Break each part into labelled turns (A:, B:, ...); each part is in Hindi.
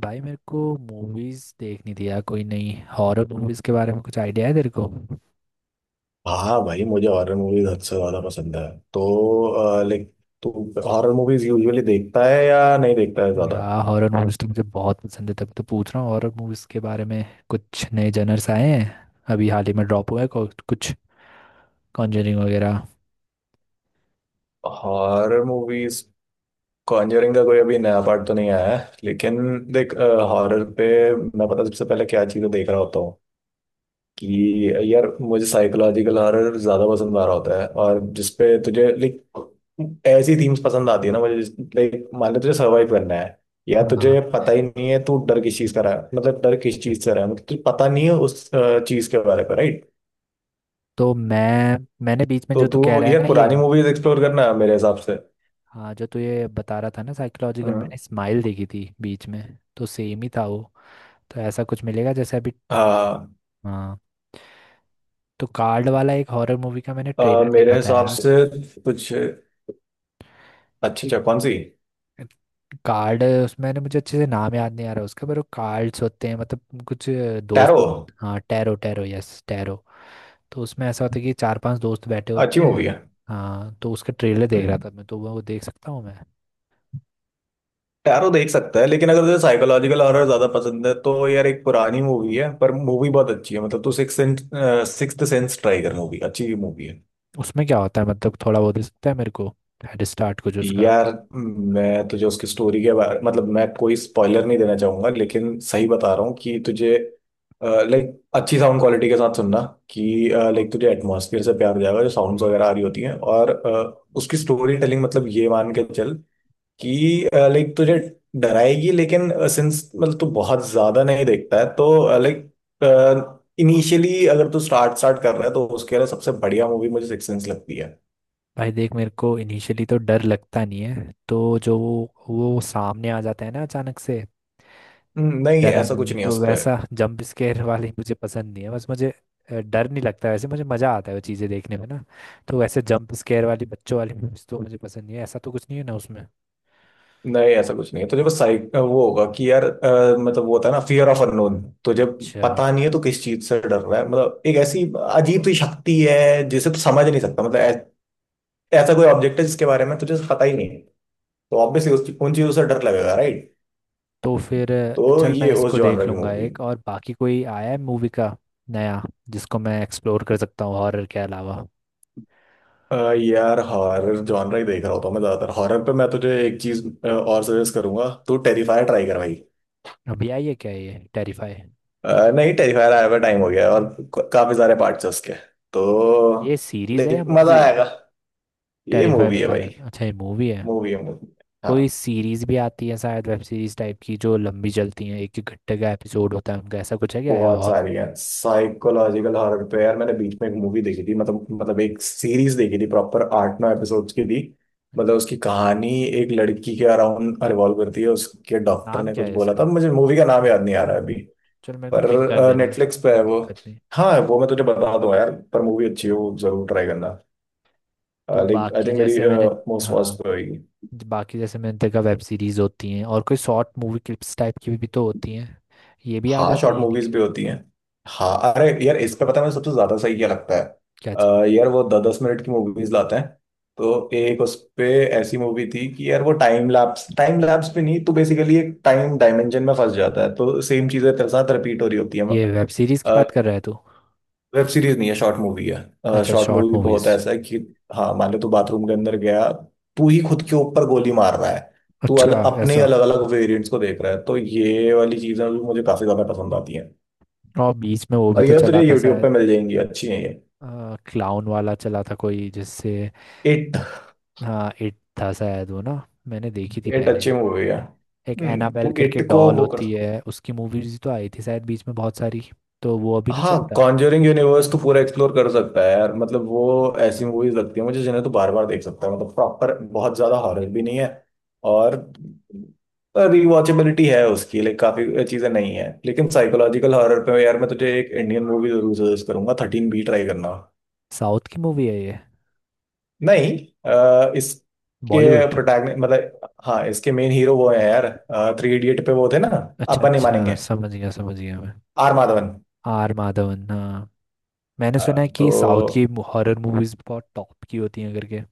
A: भाई मेरे को मूवीज देखनी थी यार कोई नई हॉरर मूवीज के बारे में कुछ आइडिया है तेरे को।
B: हाँ भाई, मुझे हॉरर मूवीज हद से ज्यादा पसंद है। तो लाइक तू हॉरर मूवीज यूजुअली देखता है या नहीं देखता है ज्यादा?
A: यार हॉरर मूवीज तो मुझे बहुत पसंद है, तभी तो पूछ रहा हूँ हॉरर मूवीज के बारे में। कुछ नए जनर्स आए हैं, अभी हाल ही में ड्रॉप हुआ है कुछ कॉन्जरिंग वगैरह।
B: Horror movies. कॉन्जरिंग का कोई अभी नया पार्ट तो नहीं आया है, लेकिन देख, हॉरर पे मैं पता सबसे पहले क्या चीजें देख रहा होता हूँ, कि यार मुझे साइकोलॉजिकल हॉरर ज्यादा पसंद आ रहा होता है। और जिसपे तुझे लाइक, ऐसी थीम्स पसंद आती है ना मुझे। लाइक मान ले तुझे सर्वाइव करना है, या
A: हाँ,
B: तुझे पता ही नहीं है तू डर किस चीज का रहा है, मतलब डर किस चीज से रहा है, मतलब तुझे पता नहीं है उस चीज के बारे में, राइट।
A: तो मैं मैंने बीच में
B: तो
A: जो तू
B: तू,
A: कह रहा है
B: यार
A: ना ये।
B: पुरानी मूवीज एक्सप्लोर करना है मेरे हिसाब से।
A: हाँ, जो तू ये बता रहा था ना साइकोलॉजिकल,
B: हम्म।
A: मैंने स्माइल देखी थी बीच में, तो सेम ही था वो। तो ऐसा कुछ मिलेगा जैसे अभी।
B: हाँ।
A: हाँ, तो कार्ड वाला एक हॉरर मूवी का मैंने ट्रेलर
B: मेरे
A: देखा था
B: हिसाब
A: यार।
B: से कुछ अच्छी...
A: एक
B: अच्छा, कौन सी?
A: कार्ड, उसमें ना मुझे अच्छे से नाम याद नहीं आ रहा उसका, पर वो कार्ड्स होते हैं मतलब कुछ
B: टैरो
A: हाँ टैरो, टैरो, यस टैरो। तो उसमें ऐसा होता है कि चार पांच दोस्त बैठे होते
B: अच्छी मूवी
A: हैं।
B: है।
A: हाँ, तो उसका ट्रेलर देख रहा
B: हम्म।
A: था मैं, तो वो देख सकता हूँ मैं।
B: टैरो देख सकता है, लेकिन अगर तुझे साइकोलॉजिकल हॉरर ज्यादा पसंद है तो यार, एक पुरानी मूवी है, पर मूवी बहुत अच्छी है। मतलब तू सिक्स्थ सेंस ट्राई कर, मूवी अच्छी मूवी है।
A: उसमें क्या होता है मतलब थोड़ा बहुत दे सकता है मेरे को, हेड स्टार्ट कुछ उसका।
B: यार मैं तुझे उसकी स्टोरी के बारे, मतलब मैं कोई स्पॉइलर नहीं देना चाहूंगा, लेकिन सही बता रहा हूँ कि तुझे लाइक, अच्छी साउंड क्वालिटी के साथ सुनना, कि लाइक तुझे एटमॉस्फेयर से प्यार हो जाएगा, जो साउंड्स वगैरह आ रही होती हैं, और उसकी स्टोरी टेलिंग। मतलब ये मान के चल कि लाइक तुझे डराएगी, लेकिन सिंस मतलब तू बहुत ज्यादा नहीं देखता है, तो लाइक इनिशियली अगर तू स्टार्ट स्टार्ट कर रहा है, तो उसके लिए सबसे बढ़िया मूवी मुझे सिक्स सेंस लगती है।
A: भाई देख, मेरे को इनिशियली तो डर लगता नहीं है, तो जो वो सामने आ जाता है ना अचानक से
B: नहीं ऐसा
A: डराना,
B: कुछ
A: ना
B: नहीं है
A: तो
B: उस पर।
A: वैसा जंप स्केयर वाली मुझे पसंद नहीं है, बस मुझे डर नहीं लगता वैसे, मुझे मज़ा आता है वो चीज़ें देखने में ना। तो वैसे जंप स्केयर वाली बच्चों वाली मूवीज तो मुझे पसंद नहीं है, ऐसा तो कुछ नहीं है ना उसमें।
B: नहीं ऐसा कुछ नहीं है, तुझे बस साइक वो होगा कि यार मतलब वो होता है ना फियर ऑफ अननोन, तुझे
A: अच्छा।
B: पता नहीं है तू किस चीज से डर रहा है, मतलब एक ऐसी अजीब सी शक्ति है जिसे तू समझ नहीं सकता, मतलब ऐसा कोई ऑब्जेक्ट है जिसके बारे में तुझे पता ही नहीं है, तो ऑब्वियसली उस उन चीजों से डर लगेगा, राइट।
A: तो फिर
B: तो
A: चल, मैं
B: ये उस
A: इसको देख
B: जॉनर की
A: लूँगा।
B: मूवी।
A: एक और बाकी कोई आया है मूवी का नया जिसको मैं एक्सप्लोर कर सकता हूँ हॉरर के अलावा?
B: यार हॉरर जॉनर ही देख रहा होता हूँ मैं ज्यादातर। हॉरर पे मैं तुझे एक चीज और सजेस्ट करूंगा, तू टेरिफायर ट्राई कर भाई।
A: अभी आई है क्या ये टेरिफाई?
B: नहीं, टेरिफायर आया हुआ टाइम हो गया है, और काफी सारे पार्ट्स हैं उसके, तो
A: ये सीरीज है या
B: देख मजा
A: मूवी है?
B: आएगा। ये
A: टेरिफाई
B: मूवी है
A: बता
B: भाई।
A: रहा था, अच्छा ये मूवी है।
B: मूवी है, मूवी।
A: कोई
B: हाँ।
A: सीरीज भी आती है शायद, वेब सीरीज टाइप की जो लंबी चलती है, एक एक घंटे का एपिसोड होता है उनका, ऐसा कुछ है क्या है
B: बहुत
A: और?
B: सारी है साइकोलॉजिकल हॉरर पे। यार मैंने बीच में एक मूवी देखी थी, मतलब एक सीरीज देखी थी, प्रॉपर 8-9 एपिसोड्स की थी। मतलब उसकी
A: अच्छा।
B: कहानी एक लड़की के अराउंड रिवॉल्व करती है, उसके डॉक्टर
A: नाम
B: ने
A: क्या
B: कुछ
A: है
B: बोला था।
A: इसका?
B: मुझे मूवी का नाम याद नहीं आ रहा है अभी।
A: चलो, मेरे को पिंक कर
B: पर
A: देना।
B: नेटफ्लिक्स पे है
A: कोई
B: वो।
A: दिक्कत नहीं।
B: हाँ, वो मैं तुझे बता दूंगा यार, पर मूवी अच्छी है, वो जरूर ट्राई करना।
A: तो
B: लाइक आई
A: बाकी
B: थिंक मेरी
A: जैसे मैंने,
B: मोस्ट वॉच
A: हाँ
B: पे होगी।
A: बाकी जैसे मैंने देखा, वेब सीरीज होती हैं और कोई शॉर्ट मूवी क्लिप्स टाइप की भी तो होती हैं, ये भी आ
B: हाँ,
A: जाते
B: शॉर्ट
A: हैं यानी
B: मूवीज
A: कि?
B: भी होती हैं। हाँ, अरे यार, इस पे पता है मुझे सबसे ज्यादा सही क्या लगता है?
A: क्या चीज?
B: यार वो 10-10 मिनट की मूवीज लाते हैं। तो एक उस पे ऐसी मूवी थी कि यार, वो टाइम लैप्स, टाइम लैप्स पे नहीं, तो बेसिकली एक टाइम डायमेंशन में फंस जाता है, तो सेम चीजें तेरे साथ रिपीट हो रही होती है।
A: ये वेब सीरीज की बात कर रहा है तू?
B: वेब सीरीज नहीं है, शॉर्ट मूवी है।
A: अच्छा,
B: शॉर्ट
A: शॉर्ट
B: मूवी पे होता है,
A: मूवीज।
B: ऐसा है कि हाँ, मान लो तू बाथरूम के अंदर गया। तू ही खुद के ऊपर गोली मार रहा है। तू
A: अच्छा
B: अपने
A: ऐसा।
B: अलग अलग वेरिएंट्स को देख रहा है, तो ये वाली चीजें भी मुझे काफी ज्यादा पसंद आती।
A: और बीच में वो भी
B: और
A: तो
B: ये
A: चला
B: तुझे
A: था
B: यूट्यूब
A: शायद,
B: पे मिल जाएंगी, अच्छी है ये।
A: क्लाउन वाला चला था कोई जिससे।
B: इट
A: हाँ, इट था शायद वो ना, मैंने देखी थी
B: इट
A: पहले।
B: अच्छी मूवी है।
A: एक एनाबेल
B: तू
A: करके
B: इट को
A: डॉल
B: वो कर
A: होती
B: सकता।
A: है, उसकी मूवीज तो आई थी शायद बीच में बहुत सारी, तो वो अभी नहीं
B: हाँ,
A: चलता?
B: कॉन्जरिंग यूनिवर्स तो पूरा एक्सप्लोर कर सकता है यार, मतलब वो ऐसी मूवीज लगती है मुझे जिन्हें तो बार बार देख सकता है। मतलब प्रॉपर बहुत ज्यादा हॉरर भी नहीं है, और रिवॉचेबिलिटी है उसकी लाइक, काफी चीजें नहीं है। लेकिन साइकोलॉजिकल हॉरर पे यार मैं तुझे एक इंडियन मूवी जरूर सजेस्ट करूंगा, थर्टीन बी ट्राई करना।
A: साउथ की मूवी है ये?
B: नहीं। इसके
A: बॉलीवुड।
B: प्रोटैगनि मतलब हाँ, इसके मेन हीरो वो है यार। थ्री इडियट पे वो थे ना,
A: अच्छा
B: अपन नहीं
A: अच्छा,
B: मानेंगे।
A: समझ गया मैं।
B: आर माधवन।
A: आर माधवन, हाँ। मैंने
B: अ,
A: सुना है कि
B: तो
A: साउथ की हॉरर मूवीज बहुत टॉप की होती हैं करके,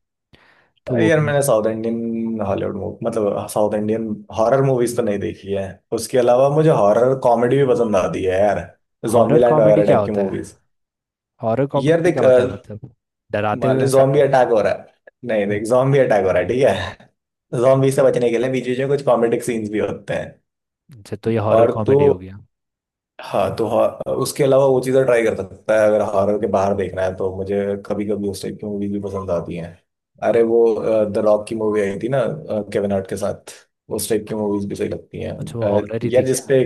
A: तो वो
B: यार
A: भी।
B: मैंने साउथ इंडियन हॉलीवुड मूवी, मतलब साउथ इंडियन हॉरर मूवीज तो नहीं देखी है। उसके अलावा मुझे हॉरर कॉमेडी भी पसंद आती है यार, जॉम्बी
A: हॉरर
B: लैंड
A: कॉमेडी
B: वगैरह
A: क्या
B: टाइप की
A: होता है?
B: मूवीज।
A: हॉरर
B: यार
A: कॉमेडी क्या
B: देख,
A: होता है मतलब? डराते
B: मान
A: हुए
B: ले
A: ऐसा
B: जॉम्बी
A: ना?
B: अटैक हो रहा है। नहीं देख,
A: हम्म,
B: जॉम्बी अटैक हो रहा है, ठीक है, जॉम्बी से बचने के लिए बीच बीच में कुछ कॉमेडिक सीन्स भी होते हैं।
A: अच्छा तो ये हॉरर
B: और तू,
A: कॉमेडी हो गया।
B: हाँ तो, हाँ उसके अलावा वो चीज़ें ट्राई कर सकता है अगर हॉरर के बाहर देखना है। तो मुझे कभी कभी उस टाइप की मूवीज भी पसंद आती हैं। अरे वो द रॉक की मूवी आई थी ना, केविन हार्ट के साथ। उस टाइप की मूवीज भी सही लगती हैं।
A: अच्छा वो हॉरर ही थी
B: यार
A: क्या?
B: जिसपे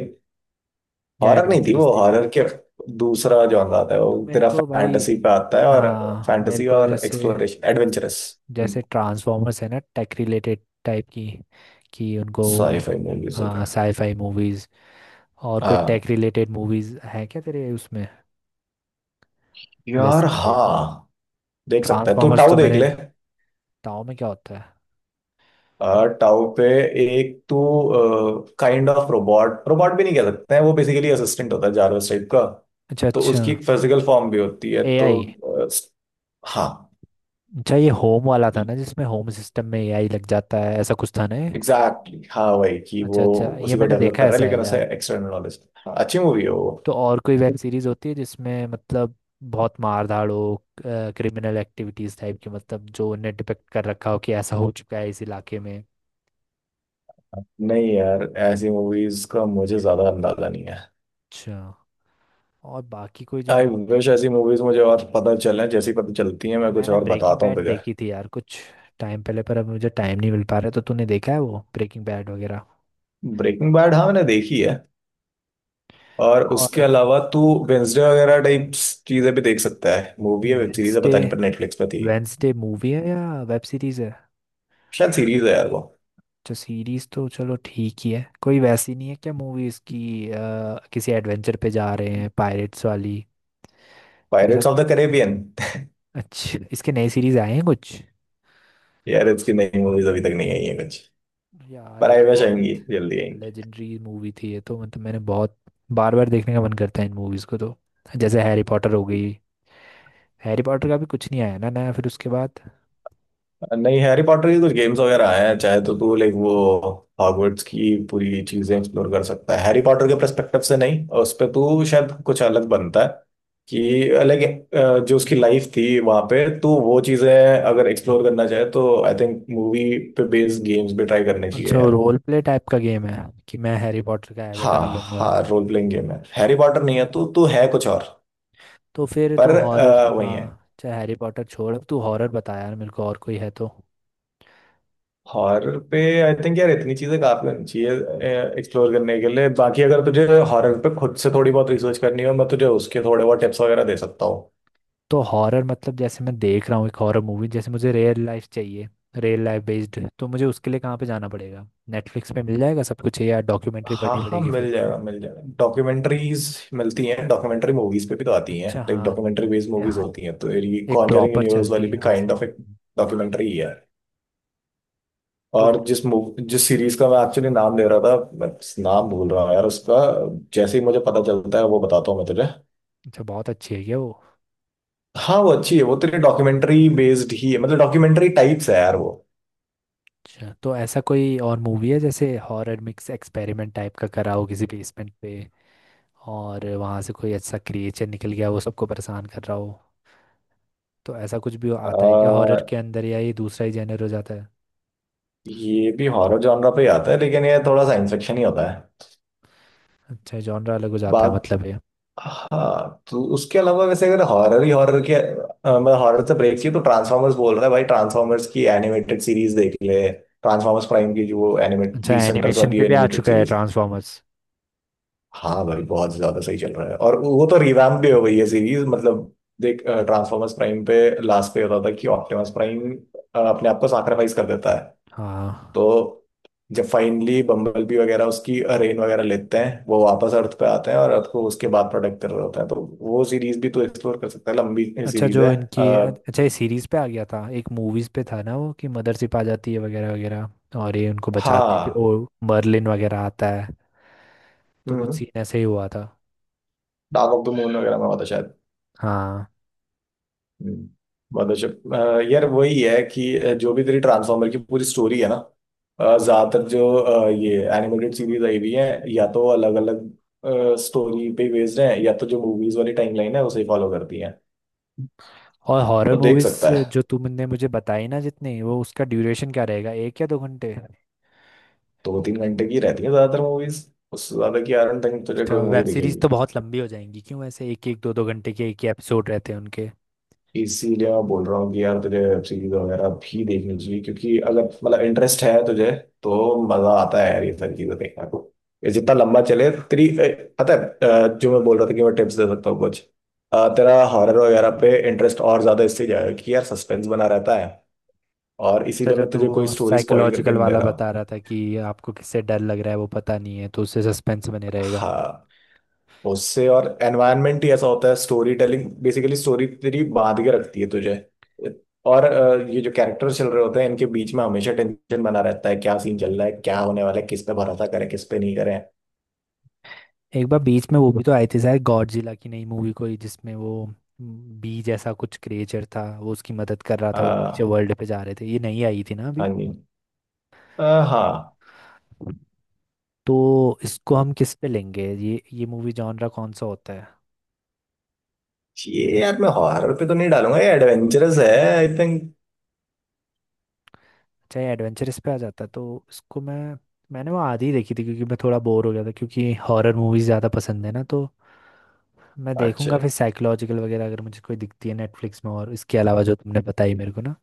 A: या
B: हॉरर नहीं थी,
A: एडवेंचरस
B: वो
A: थी?
B: हॉरर के दूसरा जॉनर आता है।
A: तो
B: वो
A: मेरे
B: तेरा
A: को भाई,
B: फैंटेसी पे आता है, और
A: हाँ मेरे
B: फैंटेसी
A: को
B: और
A: जैसे,
B: एक्सप्लोरेशन एडवेंचरस
A: जैसे ट्रांसफॉर्मर्स है ना, टेक रिलेटेड टाइप की, कि उनको
B: साईफाई मूवीज होता है।
A: Sci-fi movies. और कोई
B: हाँ
A: टेक रिलेटेड मूवीज है क्या तेरे उसमें
B: यार,
A: लिस्ट पे?
B: हाँ देख सकता है तू,
A: ट्रांसफॉर्मर्स
B: टाउ
A: तो
B: देख
A: मैंने,
B: ले।
A: बताओ में क्या होता है?
B: टाउ पे एक तो काइंड ऑफ रोबोट, रोबोट भी नहीं कह सकते हैं, वो बेसिकली असिस्टेंट होता है, जारवस टाइप का।
A: अच्छा
B: तो
A: अच्छा।
B: उसकी एक फिजिकल फॉर्म भी होती है, तो
A: एआई।
B: हाँ
A: अच्छा ये होम वाला था ना जिसमें होम सिस्टम में एआई लग जाता है, ऐसा कुछ था ना ये?
B: एग्जैक्टली, हाँ वही, कि
A: अच्छा
B: वो
A: अच्छा, ये
B: उसी को
A: मैंने
B: डेवलप
A: देखा
B: कर
A: है
B: रहा है लेकिन
A: शायद
B: उसे
A: यार।
B: External knowledge. हाँ अच्छी मूवी है वो।
A: तो और कोई वेब सीरीज होती है जिसमें मतलब बहुत मार धाड़ हो, क्रिमिनल एक्टिविटीज टाइप की, मतलब जो उन्होंने डिपेक्ट कर रखा हो कि ऐसा हो चुका है इस इलाके में?
B: नहीं यार, ऐसी मूवीज का मुझे ज्यादा अंदाजा नहीं है।
A: अच्छा। और बाकी कोई जो है
B: आई
A: ना,
B: विश ऐसी मूवीज मुझे और पता चले, जैसी पता चलती है मैं कुछ
A: मैंने
B: और
A: ब्रेकिंग
B: बताता हूँ
A: बैड
B: तुझे।
A: देखी थी यार कुछ टाइम पहले, पर अब मुझे टाइम नहीं मिल पा रहा। तो तूने देखा है वो ब्रेकिंग बैड वगैरह?
B: ब्रेकिंग बैड, हाँ मैंने देखी है। और उसके
A: और
B: अलावा तू वेंसडे वगैरह टाइप्स चीजें भी देख सकता है। मूवी है, वेब सीरीज है,
A: वेंसडे,
B: पता नहीं, पर नेटफ्लिक्स पे थी।
A: वेंसडे मूवी है या वेब सीरीज है?
B: शायद सीरीज है यार वो।
A: जो सीरीज तो चलो ठीक ही है, कोई वैसी नहीं है क्या मूवीज की किसी एडवेंचर पे जा रहे हैं पायरेट्स वाली, ऐसा?
B: Pirates of the Caribbean.
A: अच्छा इसके नए सीरीज आए हैं कुछ?
B: यार इसकी नई मूवीज अभी तक नहीं आई है कुछ,
A: यार
B: पर
A: ये
B: आई
A: तो
B: विश
A: बहुत
B: आएंगी, जल्दी आएंगी।
A: लेजेंडरी मूवी थी ये तो, मतलब मैंने बहुत बार बार देखने का मन करता है इन मूवीज को तो। जैसे हैरी पॉटर हो गई, हैरी पॉटर का भी कुछ नहीं आया ना नया फिर उसके बाद?
B: नहीं, हैरी पॉटर की कुछ गेम्स वगैरह आए हैं, चाहे तो तू लाइक वो हॉगवर्ट्स की पूरी चीजें एक्सप्लोर कर सकता है। हैरी पॉटर के पर्सपेक्टिव से नहीं, उस पे तू शायद कुछ अलग बनता है, कि अलग, जो उसकी लाइफ थी वहां पे, तो वो चीजें अगर एक्सप्लोर करना चाहे, तो आई थिंक मूवी पे बेस्ड गेम्स भी ट्राई करने चाहिए
A: अच्छा,
B: यार।
A: रोल प्ले टाइप का गेम है कि मैं हैरी पॉटर का
B: हाँ,
A: एवेटार लूंगा?
B: हाँ, रोल प्लेइंग गेम है। हैरी पॉटर नहीं है तो तू है कुछ और।
A: तो फिर तू
B: पर
A: हॉरर,
B: वही है,
A: हाँ चाहे हैरी पॉटर छोड़, अब तू हॉरर बता यार मेरे को, और कोई है तो।
B: हॉरर पे आई थिंक यार इतनी चीजें काफी होनी चाहिए एक्सप्लोर करने के लिए। बाकी अगर तुझे हॉरर पे खुद से थोड़ी बहुत रिसर्च करनी हो, मैं तुझे उसके थोड़े बहुत टिप्स वगैरह दे सकता हूँ।
A: तो हॉरर मतलब जैसे मैं देख रहा हूँ एक हॉरर मूवी, जैसे मुझे रियल लाइफ चाहिए। रियल लाइफ बेस्ड तो मुझे उसके लिए कहाँ पे जाना पड़ेगा? नेटफ्लिक्स पे मिल जाएगा सब कुछ या डॉक्यूमेंट्री
B: हाँ,
A: पढ़नी
B: हाँ,
A: पड़ेगी
B: मिल
A: फिर?
B: जाएगा, मिल जाएगा। डॉक्यूमेंट्रीज मिलती हैं, डॉक्यूमेंट्री मूवीज पे भी तो आती हैं,
A: अच्छा
B: लाइक
A: हाँ।
B: डॉक्यूमेंट्री बेस्ड मूवीज
A: यहाँ
B: होती हैं। तो ये
A: एक
B: कॉन्जरिंग
A: प्रॉपर
B: यूनिवर्स
A: चलती
B: वाली भी
A: है, हाँ
B: काइंड
A: सही
B: ऑफ एक
A: है।
B: डॉक्यूमेंट्री ही है।
A: तो
B: और
A: फिर
B: जिस सीरीज का मैं एक्चुअली नाम दे रहा था, मैं नाम भूल रहा हूँ यार उसका। जैसे ही मुझे पता चलता है वो बताता हूँ मैं तुझे।
A: अच्छा, बहुत अच्छी है क्या वो?
B: हाँ, वो अच्छी है, वो तेरे डॉक्यूमेंट्री बेस्ड ही है, मतलब डॉक्यूमेंट्री टाइप्स है यार वो।
A: अच्छा, तो ऐसा कोई और मूवी है जैसे हॉरर मिक्स एक्सपेरिमेंट टाइप का करा हो किसी बेसमेंट पे, और वहाँ से कोई अच्छा क्रिएचर निकल गया वो सबको परेशान कर रहा हो? तो ऐसा कुछ भी आता है क्या हॉरर के
B: आ,
A: अंदर, या ये दूसरा ही जेनर हो जाता है?
B: ये भी हॉरर जॉनरा पे ही आता है, लेकिन ये थोड़ा साइंस फिक्शन ही होता है।
A: अच्छा जॉनर अलग हो जाता है
B: बात।
A: मतलब है।
B: हाँ तो उसके अलावा वैसे, अगर हॉरर ही हॉरर के मतलब हॉरर से ब्रेक चाहिए, तो ट्रांसफॉर्मर्स बोल रहा है भाई, ट्रांसफॉर्मर्स की एनिमेटेड सीरीज देख ले, ट्रांसफॉर्मर्स प्राइम की, जो एनिमेट
A: अच्छा
B: 20 सेंटर्स
A: एनिमेशन
B: वाली
A: पे भी आ
B: एनिमेटेड
A: चुका है
B: सीरीज।
A: ट्रांसफॉर्मर्स?
B: हाँ भाई, बहुत ज्यादा सही चल रहा है, और वो तो रिवैम्प भी हो गई है सीरीज मतलब। देख ट्रांसफॉर्मर्स प्राइम पे, लास्ट पे होता था कि ऑप्टिमस प्राइम अपने आप को सैक्रिफाइस कर देता है, तो
A: हाँ।
B: जब फाइनली बम्बलबी वगैरह उसकी रेन वगैरह लेते हैं, वो वापस अर्थ पे आते हैं और अर्थ को उसके बाद प्रोटेक्ट कर रहे होते हैं, तो वो सीरीज भी तो एक्सप्लोर कर सकता है लंबी।
A: अच्छा
B: सीरीज है।
A: जो इनकी,
B: अ,
A: अच्छा ये सीरीज पे आ गया था, एक मूवीज पे था ना वो कि मदरशिप आ जाती है वगैरह वगैरह, और ये उनको बचाते हैं फिर, ओ
B: हाँ।
A: मर्लिन वगैरह आता है, तो कुछ सीन ऐसे ही हुआ था।
B: डार्क ऑफ द मून वगैरह में होता शायद।
A: हाँ।
B: हम्म, मदरशिप यार वही है कि जो भी तेरी ट्रांसफॉर्मर की पूरी स्टोरी है ना, ज्यादातर जो ये एनिमेटेड सीरीज आई हुई है, या तो अलग अलग स्टोरी पे बेस्ड है, या तो जो मूवीज वाली टाइमलाइन है उसे फॉलो करती है,
A: और हॉरर
B: तो देख
A: मूवीज
B: सकता है।
A: जो तुमने मुझे बताई ना जितनी वो, उसका ड्यूरेशन क्या रहेगा, एक या दो घंटे?
B: 2-3 घंटे की रहती है ज्यादातर मूवीज। उससे ज्यादा की आयरन तक तुझे
A: तो
B: कोई
A: वेब
B: मूवी
A: सीरीज तो
B: दिखेगी।
A: बहुत लंबी हो जाएंगी क्यों, ऐसे एक एक दो दो घंटे के एक ही एपिसोड रहते हैं उनके?
B: इसीलिए मैं बोल रहा हूँ कि यार तुझे वेब सीरीज वगैरह भी देखनी चाहिए, क्योंकि अगर मतलब इंटरेस्ट है तुझे, तो मजा आता है यार ये सारी चीजें देखने को। ये जितना लंबा चले तेरी, पता है? जो मैं बोल रहा था कि मैं टिप्स दे सकता हूँ कुछ, तेरा हॉरर वगैरह पे इंटरेस्ट और ज्यादा इससे जाएगा कि यार सस्पेंस बना रहता है, और
A: अच्छा
B: इसीलिए
A: जो
B: मैं
A: तू
B: तुझे
A: वो
B: कोई स्टोरी स्पॉइल करके
A: साइकोलॉजिकल
B: नहीं दे
A: वाला
B: रहा।
A: बता रहा था कि आपको किससे डर लग रहा है वो पता नहीं है, तो उससे सस्पेंस बने रहेगा।
B: हाँ, उससे, और एनवायरनमेंट ही ऐसा होता है, स्टोरी टेलिंग बेसिकली स्टोरी तेरी बांध के रखती है तुझे। और ये जो कैरेक्टर्स चल रहे होते हैं, इनके बीच में हमेशा टेंशन बना रहता है, क्या सीन चल रहा है, क्या होने वाला है, किस पे भरोसा करें, किस पे नहीं करें।
A: एक बार बीच में वो भी तो आई थी शायद, गॉडजिला की नई मूवी कोई जिसमें वो बी जैसा कुछ क्रिएचर था, वो उसकी मदद कर रहा था, वो नीचे
B: हाँ
A: वर्ल्ड पे जा रहे थे, ये नहीं आई थी ना अभी?
B: जी। अ, हाँ।
A: तो इसको हम किस पे लेंगे ये मूवी जॉनरा कौन सा होता है?
B: ये यार मैं हॉरर पे तो नहीं डालूंगा, ये एडवेंचरस है, आई थिंक।
A: चाहे एडवेंचरस पे आ जाता तो उसको मैं, मैंने वो आधी देखी थी क्योंकि मैं थोड़ा बोर हो गया था, क्योंकि हॉरर मूवीज ज़्यादा पसंद है ना, तो मैं
B: अच्छा
A: देखूंगा फिर साइकोलॉजिकल वगैरह अगर मुझे कोई दिखती है नेटफ्लिक्स में, और इसके अलावा जो तुमने बताई मेरे को ना।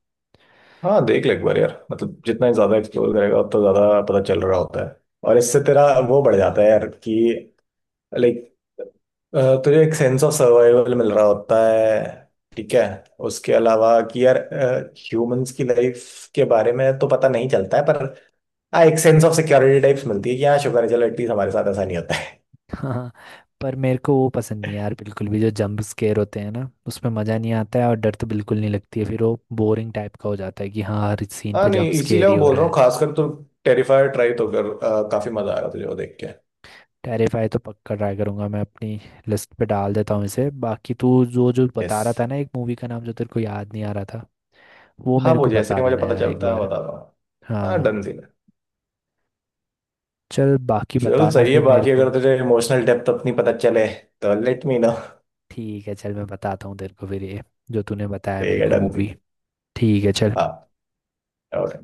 B: हाँ, देख ले एक बार यार। मतलब जितना ही ज्यादा एक्सप्लोर करेगा, उतना ज्यादा पता चल रहा होता है, और इससे तेरा वो बढ़ जाता है यार, कि लाइक तुझे एक सेंस ऑफ सर्वाइवल मिल रहा होता है, ठीक है? उसके अलावा कि यार ह्यूमंस की लाइफ के बारे में तो पता नहीं चलता है, पर हाँ, एक सेंस ऑफ सिक्योरिटी टाइप्स मिलती है कि हाँ, शुक्र है, चलो एटलीस्ट हमारे साथ ऐसा नहीं होता है।
A: हाँ। पर मेरे को वो पसंद नहीं है यार बिल्कुल भी, जो जंप स्केयर होते हैं ना उसमें मज़ा नहीं आता है, और डर तो बिल्कुल नहीं लगती है, फिर वो बोरिंग टाइप का हो जाता है कि हाँ, हर सीन
B: हाँ
A: पे
B: नहीं,
A: जंप
B: इसीलिए
A: स्केयर ही
B: मैं
A: हो
B: बोल
A: रहा
B: रहा हूँ,
A: है।
B: खासकर तो टेरिफायर ट्राई तो कर, काफी मजा आएगा तुझे वो देख के।
A: टेरिफाई तो पक्का ट्राई करूंगा मैं, अपनी लिस्ट पे डाल देता हूँ इसे। बाकी तू जो जो
B: यस।
A: बता रहा था ना, एक मूवी का नाम जो तेरे को याद नहीं आ रहा था, वो
B: हाँ,
A: मेरे
B: वो
A: को
B: जैसे ही
A: बता
B: मुझे
A: देना
B: पता
A: यार एक
B: चलता है मैं
A: बार।
B: बता रहा हूँ। हाँ,
A: हाँ,
B: डन सीन है।
A: चल बाकी
B: चल
A: बताना
B: सही है,
A: फिर मेरे
B: बाकी
A: को।
B: अगर तुझे इमोशनल डेप्थ अपनी पता चले, तो लेट मी नो।
A: ठीक है चल, मैं बताता हूँ तेरे को फिर ये जो तूने बताया
B: ठीक
A: मेरे
B: है,
A: को
B: डन सीन।
A: मूवी। ठीक है चल।
B: हाँ और